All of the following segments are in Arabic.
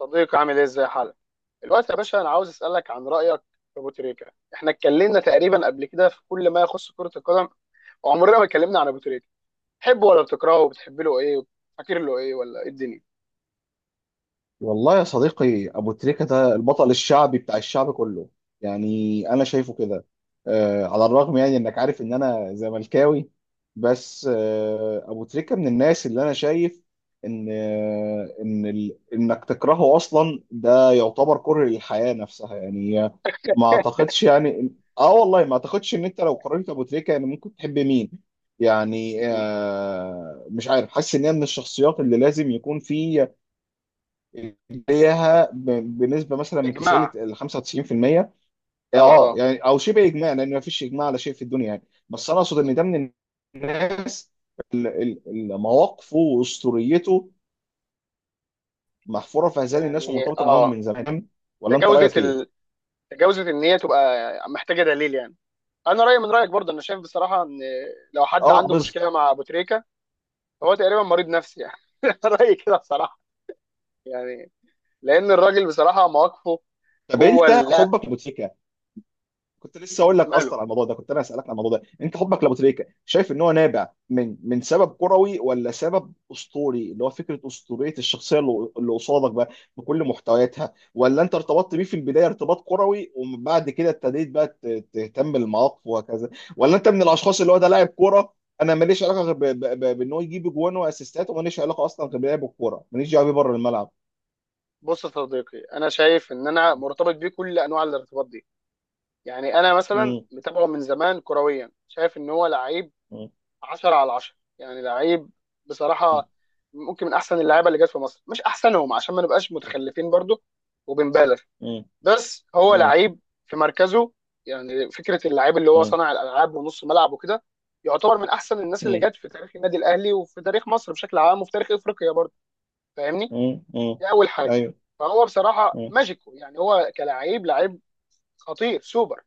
صديقي، عامل ايه؟ ازاي حالك الوقت يا باشا؟ انا عاوز اسالك عن رايك في ابو تريكه. احنا اتكلمنا تقريبا قبل كده في كل ما يخص كره القدم وعمرنا ما اتكلمنا عن ابو تريكه. بتحبه ولا بتكرهه؟ وبتحب له ايه؟ فاكر له ايه ولا ايه الدنيا؟ والله يا صديقي، أبو تريكة ده البطل الشعبي بتاع الشعب كله. يعني أنا شايفه كده. على الرغم، يعني، إنك عارف إن أنا زملكاوي، بس أبو تريكة من الناس اللي أنا شايف إن آه إن ال... إنك تكرهه أصلا ده يعتبر كره للحياة نفسها يعني. ما أعتقدش، يعني والله ما أعتقدش إن أنت لو قارنت أبو تريكة يعني ممكن تحب مين؟ يعني مم. مش عارف، حاسس إن هي من الشخصيات اللي لازم يكون في ليها بنسبه مثلا يا من 90 جماعه، ل 95%. اه اه اه. يعني او شبه اجماع، لان ما فيش اجماع على شيء في الدنيا يعني. بس انا اقصد ان مم. ده من الناس. مواقفه واسطوريته محفوره في اذهان الناس يعني ومرتبطه معاهم اه، من زمان. ولا انت تجاوزت رايك ايه؟ ال... تجاوزت ان هي تبقى محتاجه دليل يعني. انا رايي من رايك برضه، انا شايف بصراحه ان لو حد اه، عنده بالظبط. مشكله مع ابو تريكه فهو تقريبا مريض نفسي يعني. رايي كده بصراحه، يعني، لان الراجل بصراحه مواقفه طب، جوه انت اللعب حبك لبوتيكا. كنت لسه اقول لك ماله. اصلا على الموضوع ده، كنت انا اسالك على الموضوع ده. انت حبك لابو تريكه، شايف ان هو نابع من سبب كروي ولا سبب اسطوري، اللي هو فكره اسطوريه الشخصيه اللي قصادك بقى بكل محتوياتها؟ ولا انت ارتبطت بيه في البدايه ارتباط كروي، ومن بعد كده ابتديت بقى تهتم بالمواقف وهكذا؟ ولا انت من الاشخاص اللي هو ده لاعب كوره، انا ماليش علاقه غير بان هو يجيب جوان واسيستات، وماليش علاقه اصلا غير بلعب الكوره، ماليش دعوه بيه بره الملعب. بص يا صديقي، انا شايف ان انا مرتبط بيه كل انواع الارتباط دي. يعني انا مثلا مم. متابعه من زمان كرويا، شايف ان هو لعيب مم. 10 على 10 يعني. لعيب مم. بصراحه، ممكن من احسن اللعيبه اللي جت في مصر، مش احسنهم عشان ما نبقاش متخلفين برضو وبنبالغ. مم. بس هو مم. لعيب في مركزه، يعني فكره اللعيب اللي هو مم. صانع الالعاب ونص ملعب وكده يعتبر من احسن الناس اللي مم. جت في تاريخ النادي الاهلي وفي تاريخ مصر بشكل عام وفي تاريخ افريقيا برضو. فاهمني؟ مم. مم. دي اول حاجه. ايوه. فهو بصراحه مم. ماجيكو، يعني هو كلاعب لعيب خطير سوبر،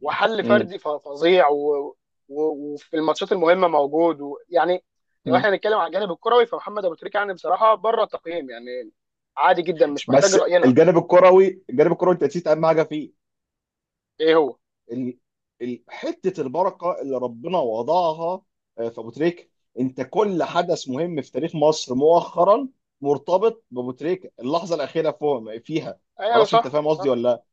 وحل مم. فردي فظيع و... وفي الماتشات المهمه موجود يعني لو مم. احنا هنتكلم على الجانب الكروي، فمحمد ابو تريكه يعني بصراحه بره التقييم يعني. عادي جدا، مش محتاج بس راينا. الجانب الكروي، الجانب الكروي، انت نسيت اهم حاجه فيه. ايه هو؟ ال... حته البركه اللي ربنا وضعها في ابو تريكه. انت كل حدث مهم في تاريخ مصر مؤخرا مرتبط بابو تريكه، اللحظه الاخيره فوق فيها. ما ايوه، اعرفش انت صح فاهم قصدي ولا صح. لا،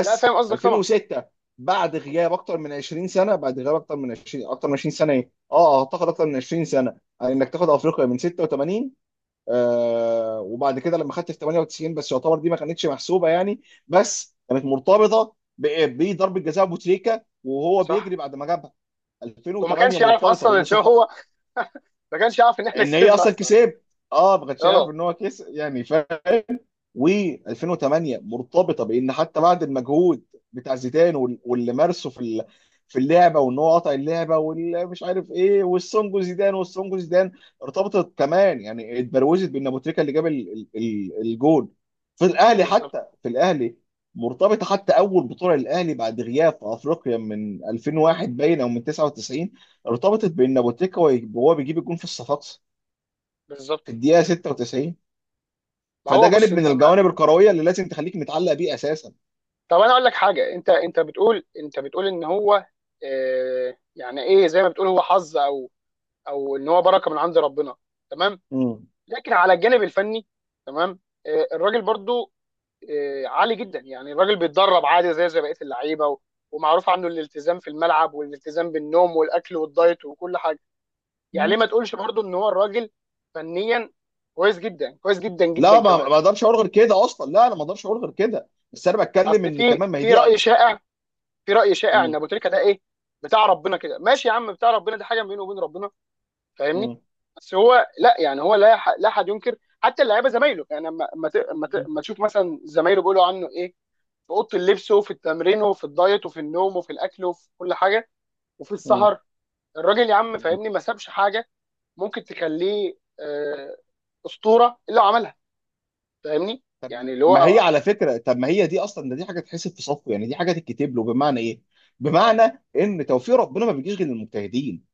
لا، فاهم قصدك طبعا. 2006، بعد غياب اكتر من 20 سنه، بعد غياب اكتر من 20 سنه، ايه اه اعتقد اكتر من 20 سنه، يعني انك تاخد افريقيا من 86. وبعد كده لما خدت في 98، بس يعتبر دي ما كانتش محسوبه يعني، بس كانت مرتبطه بضربه جزاء بوتريكا وهو صح. بيجري بعد ما جابها. وما 2008 كانش يعرف مرتبطه اصلا بان ان هو ما كانش يعرف ان احنا ان هي كسبنا اصلا اصلا. كسب. اه، ما كانش يعرف اه ان هو كسب يعني. و2008 مرتبطه بان حتى بعد المجهود بتاع زيدان، واللي مارسه في اللعبه، وان هو قطع اللعبه، واللي مش عارف ايه، والسونجو زيدان، والسونجو زيدان، ارتبطت كمان يعني، اتبروزت بان ابو تريكه اللي جاب الجول في الاهلي، بالظبط. حتى في الاهلي. مرتبطه حتى اول بطوله للاهلي بعد غياب في افريقيا من 2001، باين، او من 99. ارتبطت بان ابو تريكه وهو بيجيب الجول في الصفاقسي في بالظبط. الدقيقه 96. ما فده هو جانب بص من انت ما. الجوانب الكرويه اللي لازم تخليك متعلق بيه اساسا. طب انا اقول لك حاجه. انت بتقول، ان هو آه، يعني ايه؟ زي ما بتقول هو حظ، او او ان هو بركه من عند ربنا. تمام. مم. لكن على الجانب الفني، تمام. آه الراجل برضو آه عالي جدا، يعني الراجل بيتدرب عادي زي بقيه اللعيبه ومعروف عنه الالتزام في الملعب والالتزام بالنوم والاكل والدايت وكل حاجه. يعني ليه مم. ما تقولش برضو ان هو الراجل فنيا كويس جدا، كويس جدا لا، جدا ما كمان. ما اقدرش اقول غير كده اصلا، لا، انا ما اقدرش اقول غير كده، بس انا بتكلم اصل ان في كمان ما هي في دي. راي شائع، ان مم. ابو تريكه ده ايه، بتاع ربنا كده. ماشي يا عم، بتاع ربنا دي حاجه بينه وبين ربنا. فاهمني؟ مم. بس هو لا، يعني هو لا احد ينكر، حتى اللعيبه زمايله يعني. اما اما ت- اما ت- مم. اما تشوف مثلا زمايله بيقولوا عنه ايه في اوضه اللبس وفي التمرين وفي الدايت وفي النوم وفي الاكل وفي كل حاجه وفي مم. السهر. الراجل يا عم مم. فاهمني، ما سابش حاجه. ممكن تخليه آه، اسطوره الا عملها، فاهمني؟ يعني اللي ما هي هو. على فكره، طب ما هي دي اصلا، ده دي حاجه تحسب في صفه يعني، دي حاجه تتكتب له، بمعنى ايه؟ بمعنى ان توفيق ربنا ما بيجيش غير للمجتهدين.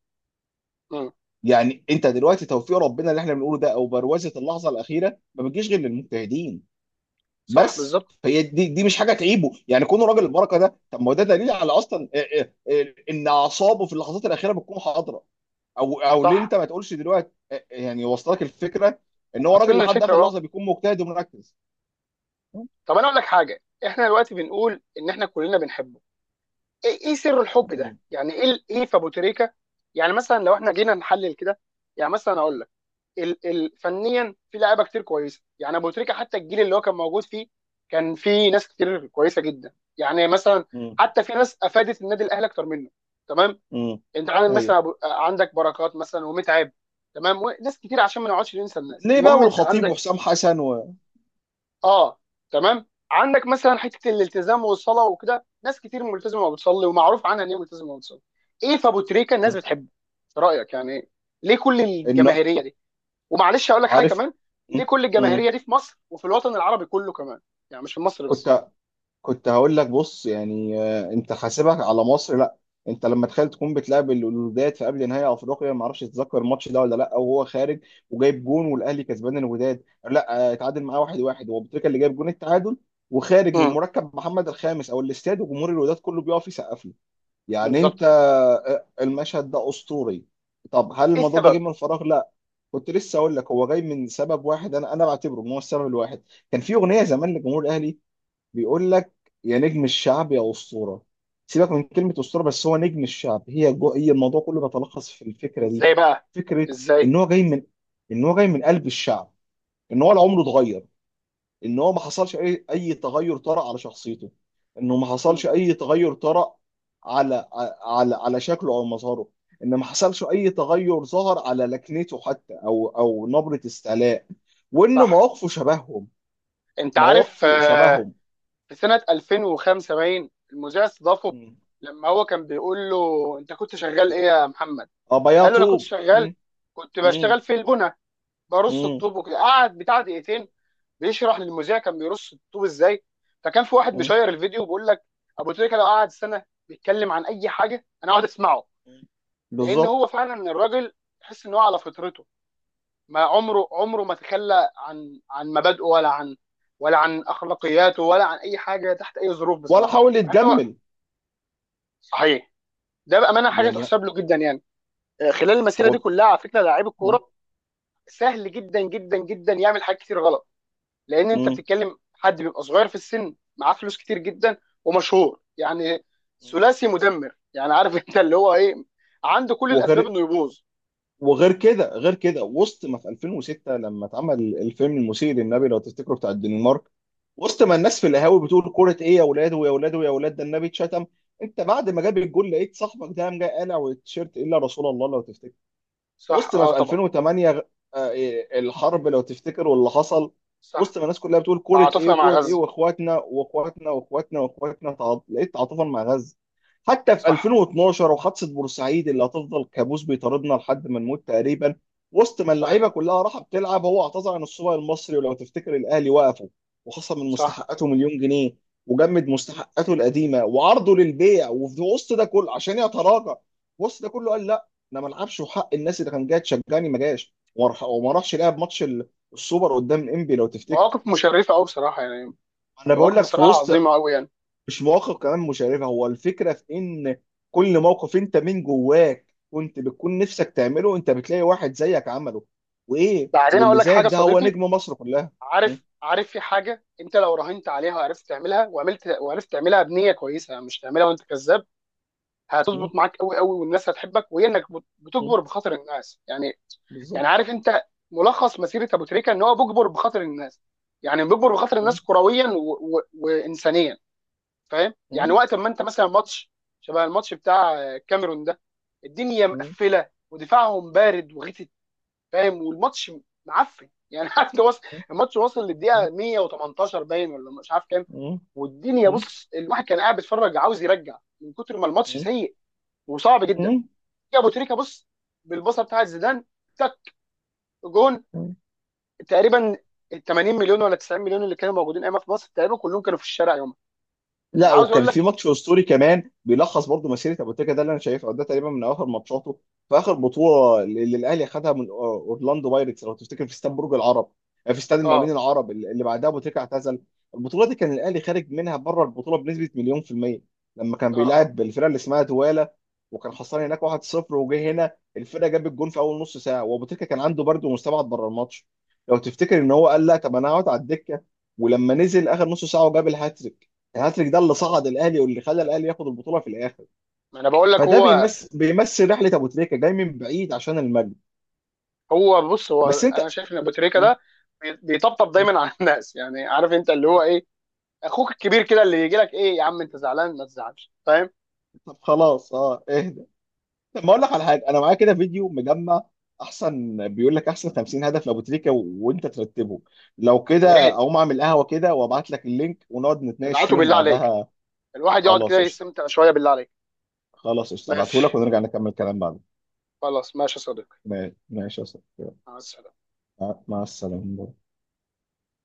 مم. يعني انت دلوقتي توفيق ربنا اللي احنا بنقوله ده، او بروزه اللحظه الاخيره، ما بتجيش غير للمجتهدين صح، بس. بالظبط. فهي دي مش حاجه تعيبه، يعني كونه راجل البركه ده، طب ما هو ده دليل على اصلا ان اعصابه في اللحظات الاخيره بتكون حاضره. او ليه صح، انت ما تقولش دلوقتي، يعني وصلك الفكره، ان هو راجل وصلنا لحد الفكره اخر اه. لحظه بيكون مجتهد ومركز؟ م- طب انا اقول لك حاجه. احنا دلوقتي بنقول ان احنا كلنا بنحبه. ايه سر الحب ده م- يعني؟ ايه في ابو تريكه؟ يعني مثلا لو احنا جينا نحلل كده يعني. مثلا اقول لك ال ال فنيا في لعيبه كتير كويسه يعني. ابو تريكه حتى الجيل اللي هو كان موجود فيه كان في ناس كتير كويسه جدا، يعني مثلا م- حتى في ناس افادت النادي الاهلي اكتر منه. تمام، م. انت عندك ايوه. مثلا عندك بركات مثلا، ومتعب. تمام، وناس كتير عشان ما نقعدش ننسى الناس. ليه بقى؟ المهم، انت والخطيب عندك وحسام حسن. اه. تمام، عندك مثلا حته الالتزام والصلاه وكده، ناس كتير ملتزمه وبتصلي، ومعروف عنها ان هي ملتزمه وبتصلي. ايه في ابو تريكه الناس م. بتحبه في رايك يعني إيه؟ ليه كل ان الجماهيريه دي؟ ومعلش اقول لك حاجه عارف. كمان، م- ليه كل م. الجماهيريه دي في مصر وفي الوطن العربي كله كمان؟ يعني مش في مصر بس. كنت كنت هقول لك، بص يعني، انت حاسبك على مصر؟ لا، انت لما تخيل تكون بتلعب الوداد في قبل نهائي افريقيا، ما اعرفش تتذكر الماتش ده ولا لا، وهو خارج وجايب جون والاهلي كسبان الوداد. لا، اتعادل معاه 1-1، هو بتريكا اللي جايب جون التعادل، وخارج من امم. مركب محمد الخامس او الاستاد، وجمهور الوداد كله بيقف يسقف له. يعني انت، بالظبط. المشهد ده اسطوري. طب هل ايه الموضوع ده جه السبب؟ من فراغ؟ لا. كنت لسه اقول لك هو جاي من سبب واحد، انا بعتبره ان هو السبب الواحد. كان في اغنيه زمان لجمهور الاهلي بيقول لك: يا نجم الشعب يا اسطوره. سيبك من كلمه اسطوره، بس هو نجم الشعب. هي الموضوع كله بيتلخص في الفكره دي، ازاي بقى؟ فكره ازاي؟ ان هو جاي من ان هو جاي من قلب الشعب، ان هو لا عمره اتغير، ان هو ما حصلش اي تغير طرأ على شخصيته، انه ما حصلش مم. اي تغير طرأ على على شكله او مظهره، ان ما حصلش اي تغير ظهر على لكنته حتى، او نبره استعلاء، وان صح. مواقفه شبههم، انت عارف مواقفه آه، شبههم. في سنه 2005 باين المذيع استضافه، لما هو كان بيقول له انت كنت شغال ايه يا محمد؟ ابيض قال له انا كنت طوب. شغال، مم. كنت مم. بشتغل في البنى، برص مم. الطوب وكده. قعد بتاع دقيقتين بيشرح للمذيع كان بيرص الطوب ازاي. فكان في واحد مم. مشير الفيديو بيقول لك ابو تريكه لو قعد سنه بيتكلم عن اي حاجه انا اقعد اسمعه. مم. لان بالظبط. هو فعلا الراجل تحس ان هو على فطرته، ما عمره عمره ما تخلى عن مبادئه ولا عن اخلاقياته ولا عن اي حاجه تحت اي ظروف ولا بصراحه. حاول مع انه يتجمل، صحيح، ده بامانه حاجه يعني تحسب له جدا يعني. آه، خلال المسيره دي هو. كلها على فكره، لعيب مم. الكوره سهل جدا جدا جدا يعمل حاجات كتير غلط، لان انت مم. بتتكلم حد بيبقى صغير في السن، معاه فلوس كتير جدا ومشهور يعني. مم. ثلاثي مدمر يعني، عارف؟ انت اللي هو ايه، عنده كل الاسباب وغير انه يبوظ. وغير كده غير كده، وسط ما في 2006، لما اتعمل الفيلم المسيء للنبي لو تفتكروا، بتاع الدنمارك، وسط ما لست الناس في صح. القهاوي بتقول: كرة ايه يا اولاد، ويا اولاد، ويا اولاد، ده النبي اتشتم، انت بعد ما جاب الجول لقيت صاحبك ده قام جاي قالع والتيشيرت الا رسول الله لو تفتكر. صح، وسط ما اه في طبعا. 2008، آه، إيه، الحرب لو تفتكر واللي حصل، وسط صح. ما الناس كلها بتقول كورة ايه تعاطفنا مع وكورة ايه، غزة. واخواتنا، واخواتنا، واخواتنا، واخواتنا، لقيت تعاطفا مع غزة. حتى في صح. 2012 وحادثة بورسعيد اللي هتفضل كابوس بيطاردنا لحد ما نموت تقريبا، وسط ما اللعيبة صحيح. كلها راحة بتلعب، هو اعتذر عن السوبر المصري ولو تفتكر الاهلي وقفه وخصم من صح. مستحقاته مليون جنيه، وجمد مستحقاته القديمة وعرضه للبيع، وفي وسط ده كله عشان يتراجع، وسط ده كله قال: انا ما العبش وحق الناس اللي كان جايه تشجعني ما جاش، وما راحش لعب ماتش السوبر قدام انبي لو تفتكر. مواقف مشرفه قوي بصراحه يعني، انا بقول مواقف لك في بصراحه وسط، عظيمه قوي يعني. مش مواقف كمان مشرفه، هو الفكره في ان كل موقف انت من جواك كنت بتكون نفسك تعمله، انت بتلاقي واحد زيك عمله، وايه، بعدين اقول واللي لك زيك حاجه ده هو صديقي، نجم مصر كلها. م- عارف؟ في حاجه، انت لو راهنت عليها وعرفت تعملها وعملت وعرفت تعملها بنيه كويسه، مش تعملها وانت كذاب، هتظبط م- معاك قوي قوي والناس هتحبك، وهي انك م- بتجبر بخاطر الناس يعني. يعني بالظبط. عارف انت، ملخص مسيره ابو تريكه ان هو بيجبر بخاطر الناس. يعني بيجبر بخاطر م- الناس كرويا وانسانيا فاهم؟ يعني م- وقت ما انت مثلا ماتش شبه الماتش بتاع الكاميرون ده، الدنيا م- مقفله ودفاعهم بارد وغثت. فاهم؟ والماتش معفن يعني، عارف؟ ده وصل م- الماتش، وصل للدقيقه 118 باين ولا مش عارف كام. م- والدنيا، م- بص، الواحد كان قاعد بيتفرج عاوز يرجع من كتر ما الماتش م- سيء وصعب جدا. م- يا ابو تريكه بص، بالبصه بتاعت زيدان، تك، جون. م- تقريبا ال 80 مليون ولا 90 مليون اللي كانوا موجودين ايامها في مصر تقريبا كلهم كانوا في الشارع يومها. لا، انا عاوز اقول وكان في لك. ماتش اسطوري كمان بيلخص برضو مسيره ابو تريكه ده اللي انا شايفه ده تقريبا من اخر ماتشاته، في اخر بطوله اللي الاهلي خدها من اورلاندو بايرتس لو تفتكر في استاد برج العرب، في استاد المقاولين اه العرب اللي بعدها ابو تريكه اعتزل. البطوله دي كان الاهلي خارج منها بره البطوله بنسبه مليون في الميه لما كان اه اه بيلاعب الفرقه اللي اسمها دواله، وكان خسران هناك 1-0 وجه هنا الفرقه جاب الجون في اول نص ساعه، وابو تريكه كان عنده برد ومستبعد بره الماتش، لو تفتكر ان اه. هو قال: لا، طب انا هقعد على الدكه، ولما نزل اخر نص ساعه وجاب الهاتريك. الهاتريك ده اللي صعد آه. الاهلي واللي خلى الاهلي ياخد البطوله في الاخر، ما انا بقول لك فده هو. بيمثل رحله ابو تريكه جاي من بعيد عشان المجد. بص بس انت. انا شايف ان ابو تريكه م- ده بيطبطب م- دايما على الناس يعني. عارف انت اللي هو ايه، اخوك الكبير كده، اللي يجي لك ايه يا عم انت زعلان ما تزعلش. فاهم؟ طب خلاص، اه، اهدى. طب ما اقول لك على حاجه، انا معايا كده فيديو مجمع، احسن بيقول لك احسن 50 هدف لابو تريكه وانت ترتبهم. لو يا كده ريت، اقوم اعمل قهوه كده وابعت لك اللينك ونقعد نتناقش ابعته فيهم بالله عليك، بعدها. الواحد يقعد كده خلاص قشطه، يستمتع شويه بالله عليك. خلاص قشطه، ابعته لك ماشي. ونرجع نكمل كلام بعد. خلاص ماشي يا صديقي. ماشي ماشي يا صاحبي. مع السلامه. مع السلامه.